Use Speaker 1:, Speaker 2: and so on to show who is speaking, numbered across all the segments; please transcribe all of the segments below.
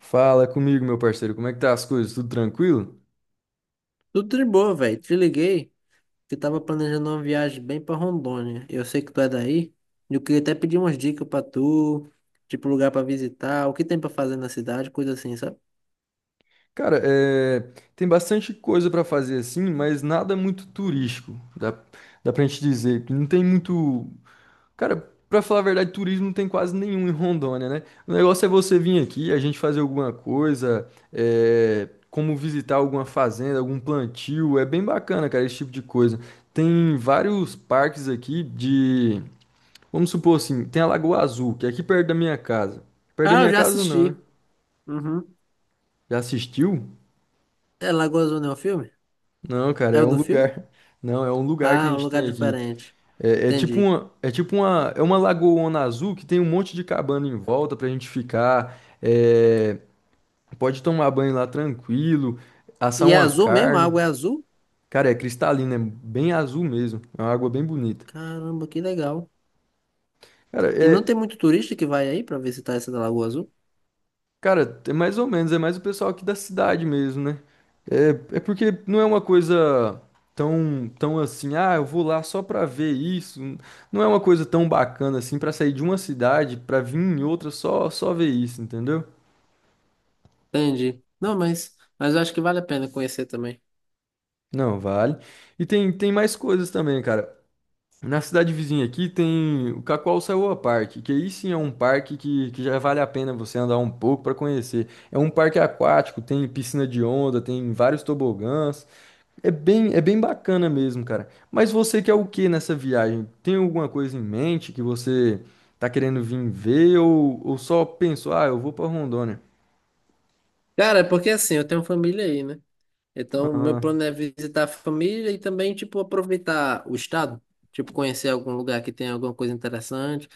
Speaker 1: Fala comigo, meu parceiro, como é que tá as coisas? Tudo tranquilo?
Speaker 2: Tudo de boa, velho. Te liguei que tava planejando uma viagem bem pra Rondônia. Eu sei que tu é daí. E eu queria até pedir umas dicas pra tu, tipo lugar pra visitar, o que tem pra fazer na cidade, coisa assim, sabe?
Speaker 1: Cara, tem bastante coisa pra fazer assim, mas nada muito turístico. Dá pra gente dizer que não tem muito. Cara, pra falar a verdade, turismo não tem quase nenhum em Rondônia, né? O negócio é você vir aqui, a gente fazer alguma coisa, é, como visitar alguma fazenda, algum plantio. É bem bacana, cara, esse tipo de coisa. Tem vários parques aqui de. Vamos supor assim, tem a Lagoa Azul, que é aqui perto da minha casa. Perto da
Speaker 2: Ah, eu
Speaker 1: minha
Speaker 2: já
Speaker 1: casa não, né?
Speaker 2: assisti. Uhum.
Speaker 1: Já assistiu?
Speaker 2: É Lagoa Azul não é o filme?
Speaker 1: Não, cara,
Speaker 2: É
Speaker 1: é
Speaker 2: o
Speaker 1: um
Speaker 2: do filme?
Speaker 1: lugar. Não, é um lugar que
Speaker 2: Ah,
Speaker 1: a
Speaker 2: é um
Speaker 1: gente
Speaker 2: lugar
Speaker 1: tem aqui.
Speaker 2: diferente.
Speaker 1: É, é tipo
Speaker 2: Entendi.
Speaker 1: uma, é tipo uma, é uma lagoona azul que tem um monte de cabana em volta pra gente ficar. É, pode tomar banho lá tranquilo, assar
Speaker 2: E é
Speaker 1: uma
Speaker 2: azul mesmo? A
Speaker 1: carne.
Speaker 2: água é azul?
Speaker 1: Cara, é cristalina, é bem azul mesmo. É uma água bem bonita.
Speaker 2: Caramba, que legal.
Speaker 1: Cara,
Speaker 2: E não
Speaker 1: é,
Speaker 2: tem muito turista que vai aí pra visitar essa da Lagoa Azul?
Speaker 1: cara, é mais ou menos, é mais o pessoal aqui da cidade mesmo, né? É, é porque não é uma coisa tão assim, ah, eu vou lá só pra ver isso. Não é uma coisa tão bacana assim pra sair de uma cidade pra vir em outra só ver isso, entendeu?
Speaker 2: Entendi. Não, mas eu acho que vale a pena conhecer também.
Speaker 1: Não, vale. E tem mais coisas também, cara. Na cidade vizinha aqui tem o Cacoalçaúa Park, que aí sim é um parque que já vale a pena você andar um pouco para conhecer. É um parque aquático, tem piscina de onda, tem vários tobogãs. É bem bacana mesmo, cara. Mas você quer o que nessa viagem? Tem alguma coisa em mente que você tá querendo vir ver ou só pensou, ah, eu vou pra Rondônia?
Speaker 2: Cara, é porque assim, eu tenho família aí, né? Então, meu
Speaker 1: Aham.
Speaker 2: plano é visitar a família e também, tipo, aproveitar o estado. Tipo, conhecer algum lugar que tem alguma coisa interessante.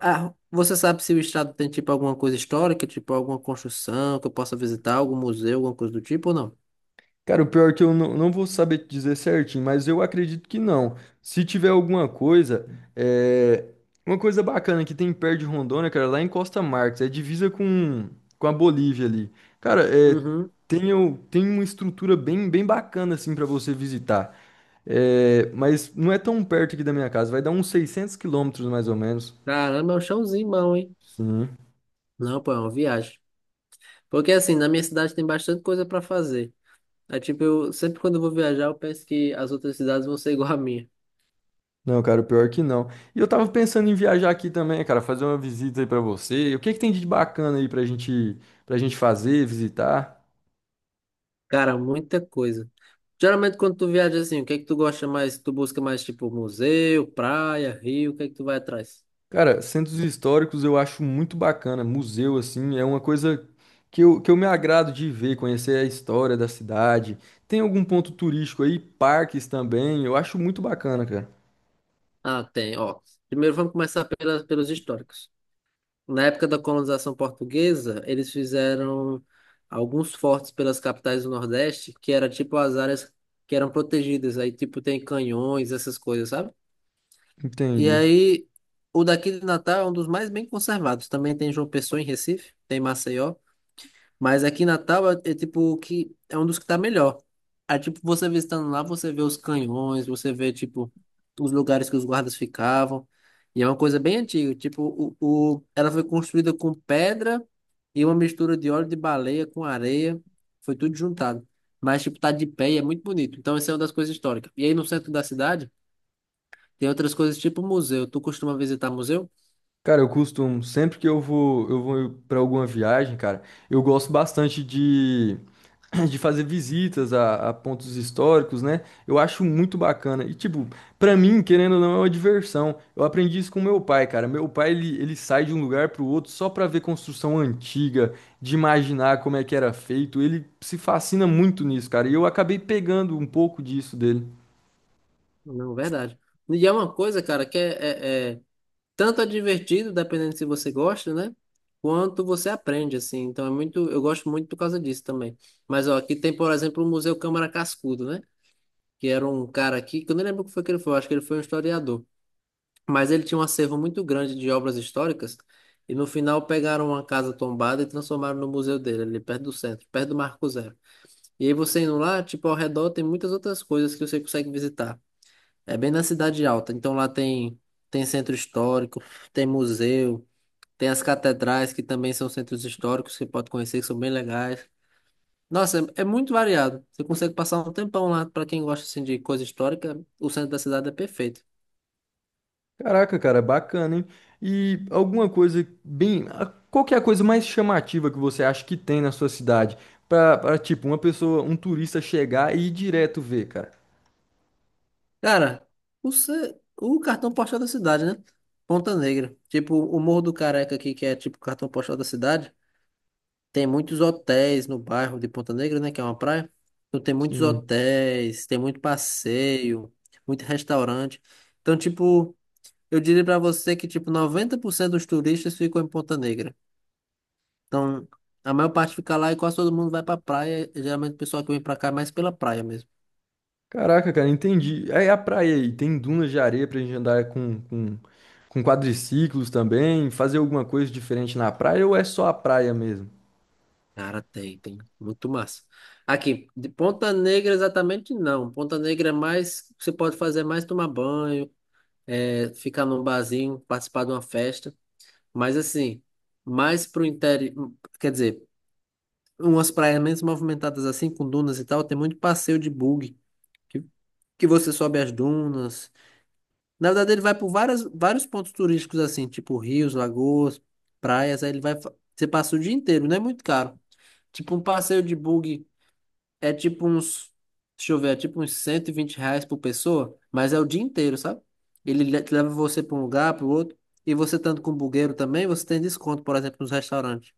Speaker 2: Ah, você sabe se o estado tem, tipo, alguma coisa histórica, tipo, alguma construção que eu possa visitar, algum museu, alguma coisa do tipo ou não?
Speaker 1: Cara, o pior é que eu não, não vou saber te dizer certinho, mas eu acredito que não. Se tiver alguma coisa, é... uma coisa bacana que tem perto de Rondônia, cara, lá em Costa Marques, é divisa com a Bolívia ali. Cara, é...
Speaker 2: Uhum.
Speaker 1: tem, tem uma estrutura bem bacana assim para você visitar. É... Mas não é tão perto aqui da minha casa, vai dar uns 600 km mais ou menos.
Speaker 2: Caramba, é um chãozinho bom, hein?
Speaker 1: Sim.
Speaker 2: Não, pô, é uma viagem. Porque, assim, na minha cidade tem bastante coisa pra fazer. É tipo, eu sempre quando eu vou viajar, eu penso que as outras cidades vão ser igual a minha.
Speaker 1: Não, cara, o pior é que não. E eu tava pensando em viajar aqui também, cara, fazer uma visita aí pra você. O que que tem de bacana aí pra gente fazer, visitar?
Speaker 2: Cara, muita coisa. Geralmente quando tu viaja assim, o que é que tu gosta mais? Tu busca mais tipo museu, praia, rio, o que é que tu vai atrás?
Speaker 1: Cara, centros históricos eu acho muito bacana. Museu, assim, é uma coisa que eu me agrado de ver, conhecer a história da cidade. Tem algum ponto turístico aí, parques também, eu acho muito bacana, cara.
Speaker 2: Ah, tem, ó. Primeiro vamos começar pelos históricos. Na época da colonização portuguesa, eles fizeram alguns fortes pelas capitais do Nordeste, que era tipo as áreas que eram protegidas. Aí tipo tem canhões, essas coisas, sabe? E
Speaker 1: Entendi.
Speaker 2: aí, o daqui de Natal é um dos mais bem conservados. Também tem João Pessoa em Recife, tem Maceió. Mas aqui em Natal é tipo que é um dos que tá melhor. Aí, tipo, você visitando lá, você vê os canhões, você vê, tipo, os lugares que os guardas ficavam. E é uma coisa bem antiga. Tipo, ela foi construída com pedra e uma mistura de óleo de baleia com areia. Foi tudo juntado. Mas, tipo, tá de pé e é muito bonito. Então, essa é uma das coisas históricas. E aí, no centro da cidade, tem outras coisas tipo museu. Tu costuma visitar museu?
Speaker 1: Cara, eu costumo, sempre que eu vou para alguma viagem, cara, eu gosto bastante de, de fazer visitas a pontos históricos, né? Eu acho muito bacana. E, tipo, pra mim, querendo ou não, é uma diversão. Eu aprendi isso com meu pai, cara. Meu pai, ele sai de um lugar pro outro só pra ver construção antiga, de imaginar como é que era feito. Ele se fascina muito nisso, cara. E eu acabei pegando um pouco disso dele.
Speaker 2: Não, verdade. E é uma coisa, cara, que é, é- é- tanto é divertido, dependendo se você gosta, né? Quanto você aprende, assim. Então é muito, eu gosto muito por causa disso também. Mas ó, aqui tem, por exemplo, o Museu Câmara Cascudo, né? Que era um cara aqui, que eu nem lembro o que foi que ele foi, eu acho que ele foi um historiador. Mas ele tinha um acervo muito grande de obras históricas, e no final pegaram uma casa tombada e transformaram no museu dele, ali perto do centro, perto do Marco Zero. E aí você indo lá, tipo, ao redor tem muitas outras coisas que você consegue visitar. É bem na Cidade Alta, então lá tem, tem centro histórico, tem museu. Tem as catedrais, que também são centros históricos, que pode conhecer, que são bem legais. Nossa, é muito variado. Você consegue passar um tempão lá. Pra quem gosta assim, de coisa histórica, o centro da cidade é perfeito.
Speaker 1: Caraca, cara, bacana, hein? E alguma coisa bem. Qual que é a coisa mais chamativa que você acha que tem na sua cidade? Tipo, uma pessoa, um turista chegar e ir direto ver, cara.
Speaker 2: Cara, o cartão postal da cidade, né? Ponta Negra. Tipo, o Morro do Careca aqui, que é tipo o cartão postal da cidade. Tem muitos hotéis no bairro de Ponta Negra, né? Que é uma praia. Então tem muitos
Speaker 1: Sim.
Speaker 2: hotéis, tem muito passeio, muito restaurante. Então, tipo. Eu diria pra você que, tipo, 90% dos turistas ficam em Ponta Negra. Então, a maior parte fica lá e quase todo mundo vai pra praia. Geralmente o pessoal que vem pra cá é mais pela praia mesmo.
Speaker 1: Caraca, cara, entendi. Aí a praia aí, tem dunas de areia pra gente andar com quadriciclos também, fazer alguma coisa diferente na praia ou é só a praia mesmo?
Speaker 2: Cara, tem, tem. Muito massa. Aqui, de Ponta Negra exatamente não. Ponta Negra é mais, você pode fazer mais tomar banho, ficar num barzinho, participar de uma festa. Mas assim, mais pro interior, quer dizer, umas praias menos movimentadas assim, com dunas e tal, tem muito passeio de bug. que que você sobe as dunas. Na verdade, ele vai por vários pontos turísticos, assim, tipo rios, lagoas, praias. Aí ele vai. Você passa o dia inteiro, não é muito caro. Tipo, um passeio de bug é tipo uns. Deixa eu ver, é tipo uns R$ 120 por pessoa, mas é o dia inteiro, sabe? Ele leva você para um lugar, para o outro. E você estando com o bugueiro também, você tem desconto, por exemplo, nos restaurantes.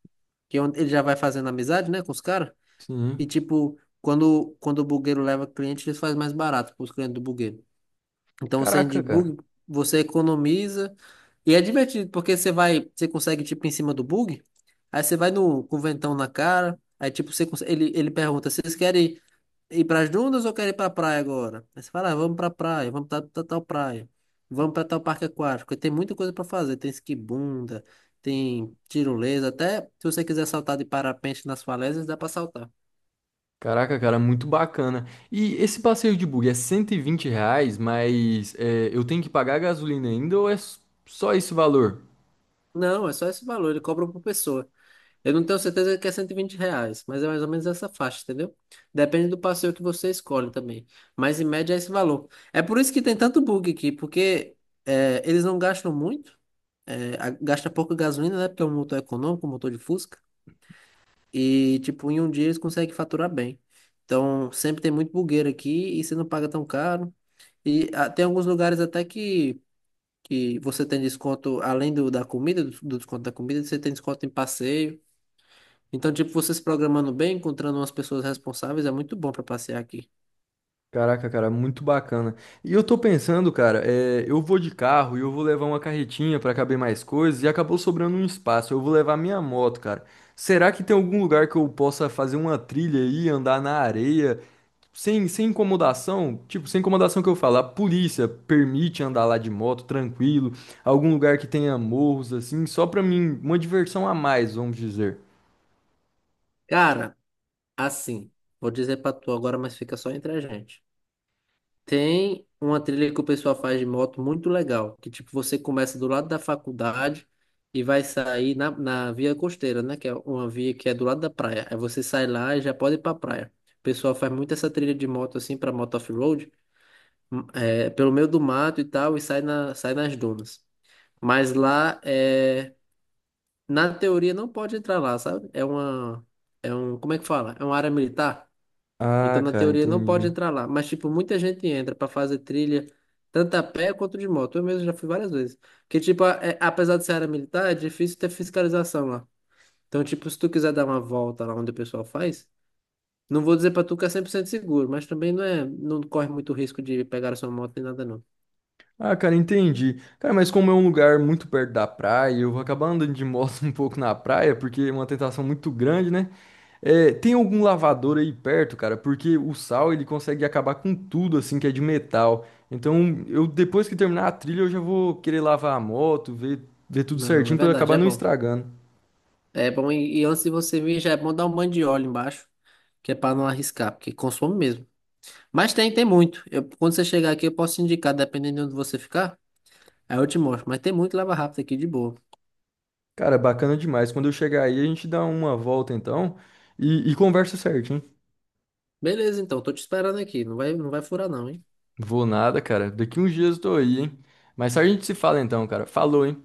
Speaker 2: Que é onde ele já vai fazendo amizade, né, com os caras.
Speaker 1: Sim.
Speaker 2: E tipo, quando o bugueiro leva cliente, ele faz mais barato para os clientes do bugueiro. Então, você de
Speaker 1: Caraca, cara.
Speaker 2: bug, você economiza. E é divertido, porque você vai, você consegue, tipo, em cima do bug, aí você vai no, com o ventão na cara, aí, tipo, você consegue, ele pergunta, vocês querem ir para as dunas ou querem ir para a praia agora? Aí você fala, ah, vamos para a praia, vamos para tal praia, vamos para tal parque aquático, porque tem muita coisa para fazer, tem esquibunda, tem tirolesa, até se você quiser saltar de parapente nas falésias, dá para saltar.
Speaker 1: Caraca, cara, muito bacana. E esse passeio de bug é R$ 120, mas é, eu tenho que pagar a gasolina ainda ou é só esse valor?
Speaker 2: Não, é só esse valor, ele cobra por pessoa. Eu não tenho certeza que é R$ 120, mas é mais ou menos essa faixa, entendeu? Depende do passeio que você escolhe também. Mas em média é esse valor. É por isso que tem tanto bug aqui, porque é, eles não gastam muito, gasta pouca gasolina, né? Porque é um motor econômico, um motor de Fusca. E, tipo, em um dia eles conseguem faturar bem. Então, sempre tem muito bugueiro aqui e você não paga tão caro. E ah, tem alguns lugares até que você tem desconto, da comida, do desconto da comida, você tem desconto em passeio. Então, tipo, você se programando bem, encontrando umas pessoas responsáveis, é muito bom pra passear aqui.
Speaker 1: Caraca, cara, muito bacana. E eu tô pensando, cara, é, eu vou de carro e eu vou levar uma carretinha pra caber mais coisas e acabou sobrando um espaço. Eu vou levar minha moto, cara. Será que tem algum lugar que eu possa fazer uma trilha aí, andar na areia, sem incomodação? Tipo, sem incomodação que eu falo, a polícia permite andar lá de moto, tranquilo, algum lugar que tenha morros, assim, só pra mim, uma diversão a mais, vamos dizer.
Speaker 2: Cara, assim, vou dizer pra tu agora, mas fica só entre a gente. Tem uma trilha que o pessoal faz de moto muito legal, que tipo, você começa do lado da faculdade e vai sair na via costeira, né? Que é uma via que é do lado da praia. Aí você sai lá e já pode ir pra praia. O pessoal faz muito essa trilha de moto assim pra moto off-road, é, pelo meio do mato e tal, e sai nas dunas. Mas lá é. Na teoria não pode entrar lá, sabe? Como é que fala? É uma área militar. Então
Speaker 1: Ah,
Speaker 2: na
Speaker 1: cara,
Speaker 2: teoria não pode
Speaker 1: entendi.
Speaker 2: entrar lá, mas tipo muita gente entra pra fazer trilha tanto a pé quanto de moto. Eu mesmo já fui várias vezes. Porque tipo, apesar de ser área militar, é difícil ter fiscalização lá. Então tipo, se tu quiser dar uma volta lá onde o pessoal faz, não vou dizer pra tu que é 100% seguro, mas também não é, não corre muito risco de pegar a sua moto nem nada não.
Speaker 1: Ah, cara, entendi. Cara, mas como é um lugar muito perto da praia, eu vou acabar andando de moto um pouco na praia, porque é uma tentação muito grande, né? É, tem algum lavador aí perto, cara? Porque o sal ele consegue acabar com tudo assim que é de metal. Então, eu depois que terminar a trilha, eu já vou querer lavar a moto, ver tudo
Speaker 2: Não, é
Speaker 1: certinho pra eu
Speaker 2: verdade,
Speaker 1: acabar
Speaker 2: é
Speaker 1: não
Speaker 2: bom.
Speaker 1: estragando.
Speaker 2: É bom, e antes de você vir, já é bom dar um banho de óleo embaixo, que é pra não arriscar, porque consome mesmo. Mas tem, tem muito. Eu, quando você chegar aqui, eu posso te indicar, dependendo de onde você ficar. Aí eu te mostro. Mas tem muito lava rápido aqui, de boa.
Speaker 1: Cara, bacana demais. Quando eu chegar aí, a gente dá uma volta então e conversa certinho.
Speaker 2: Beleza, então, tô te esperando aqui. Não vai furar, não, hein?
Speaker 1: Vou nada, cara. Daqui uns dias eu tô aí, hein? Mas a gente se fala então, cara. Falou, hein?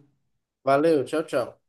Speaker 2: Valeu, tchau, tchau.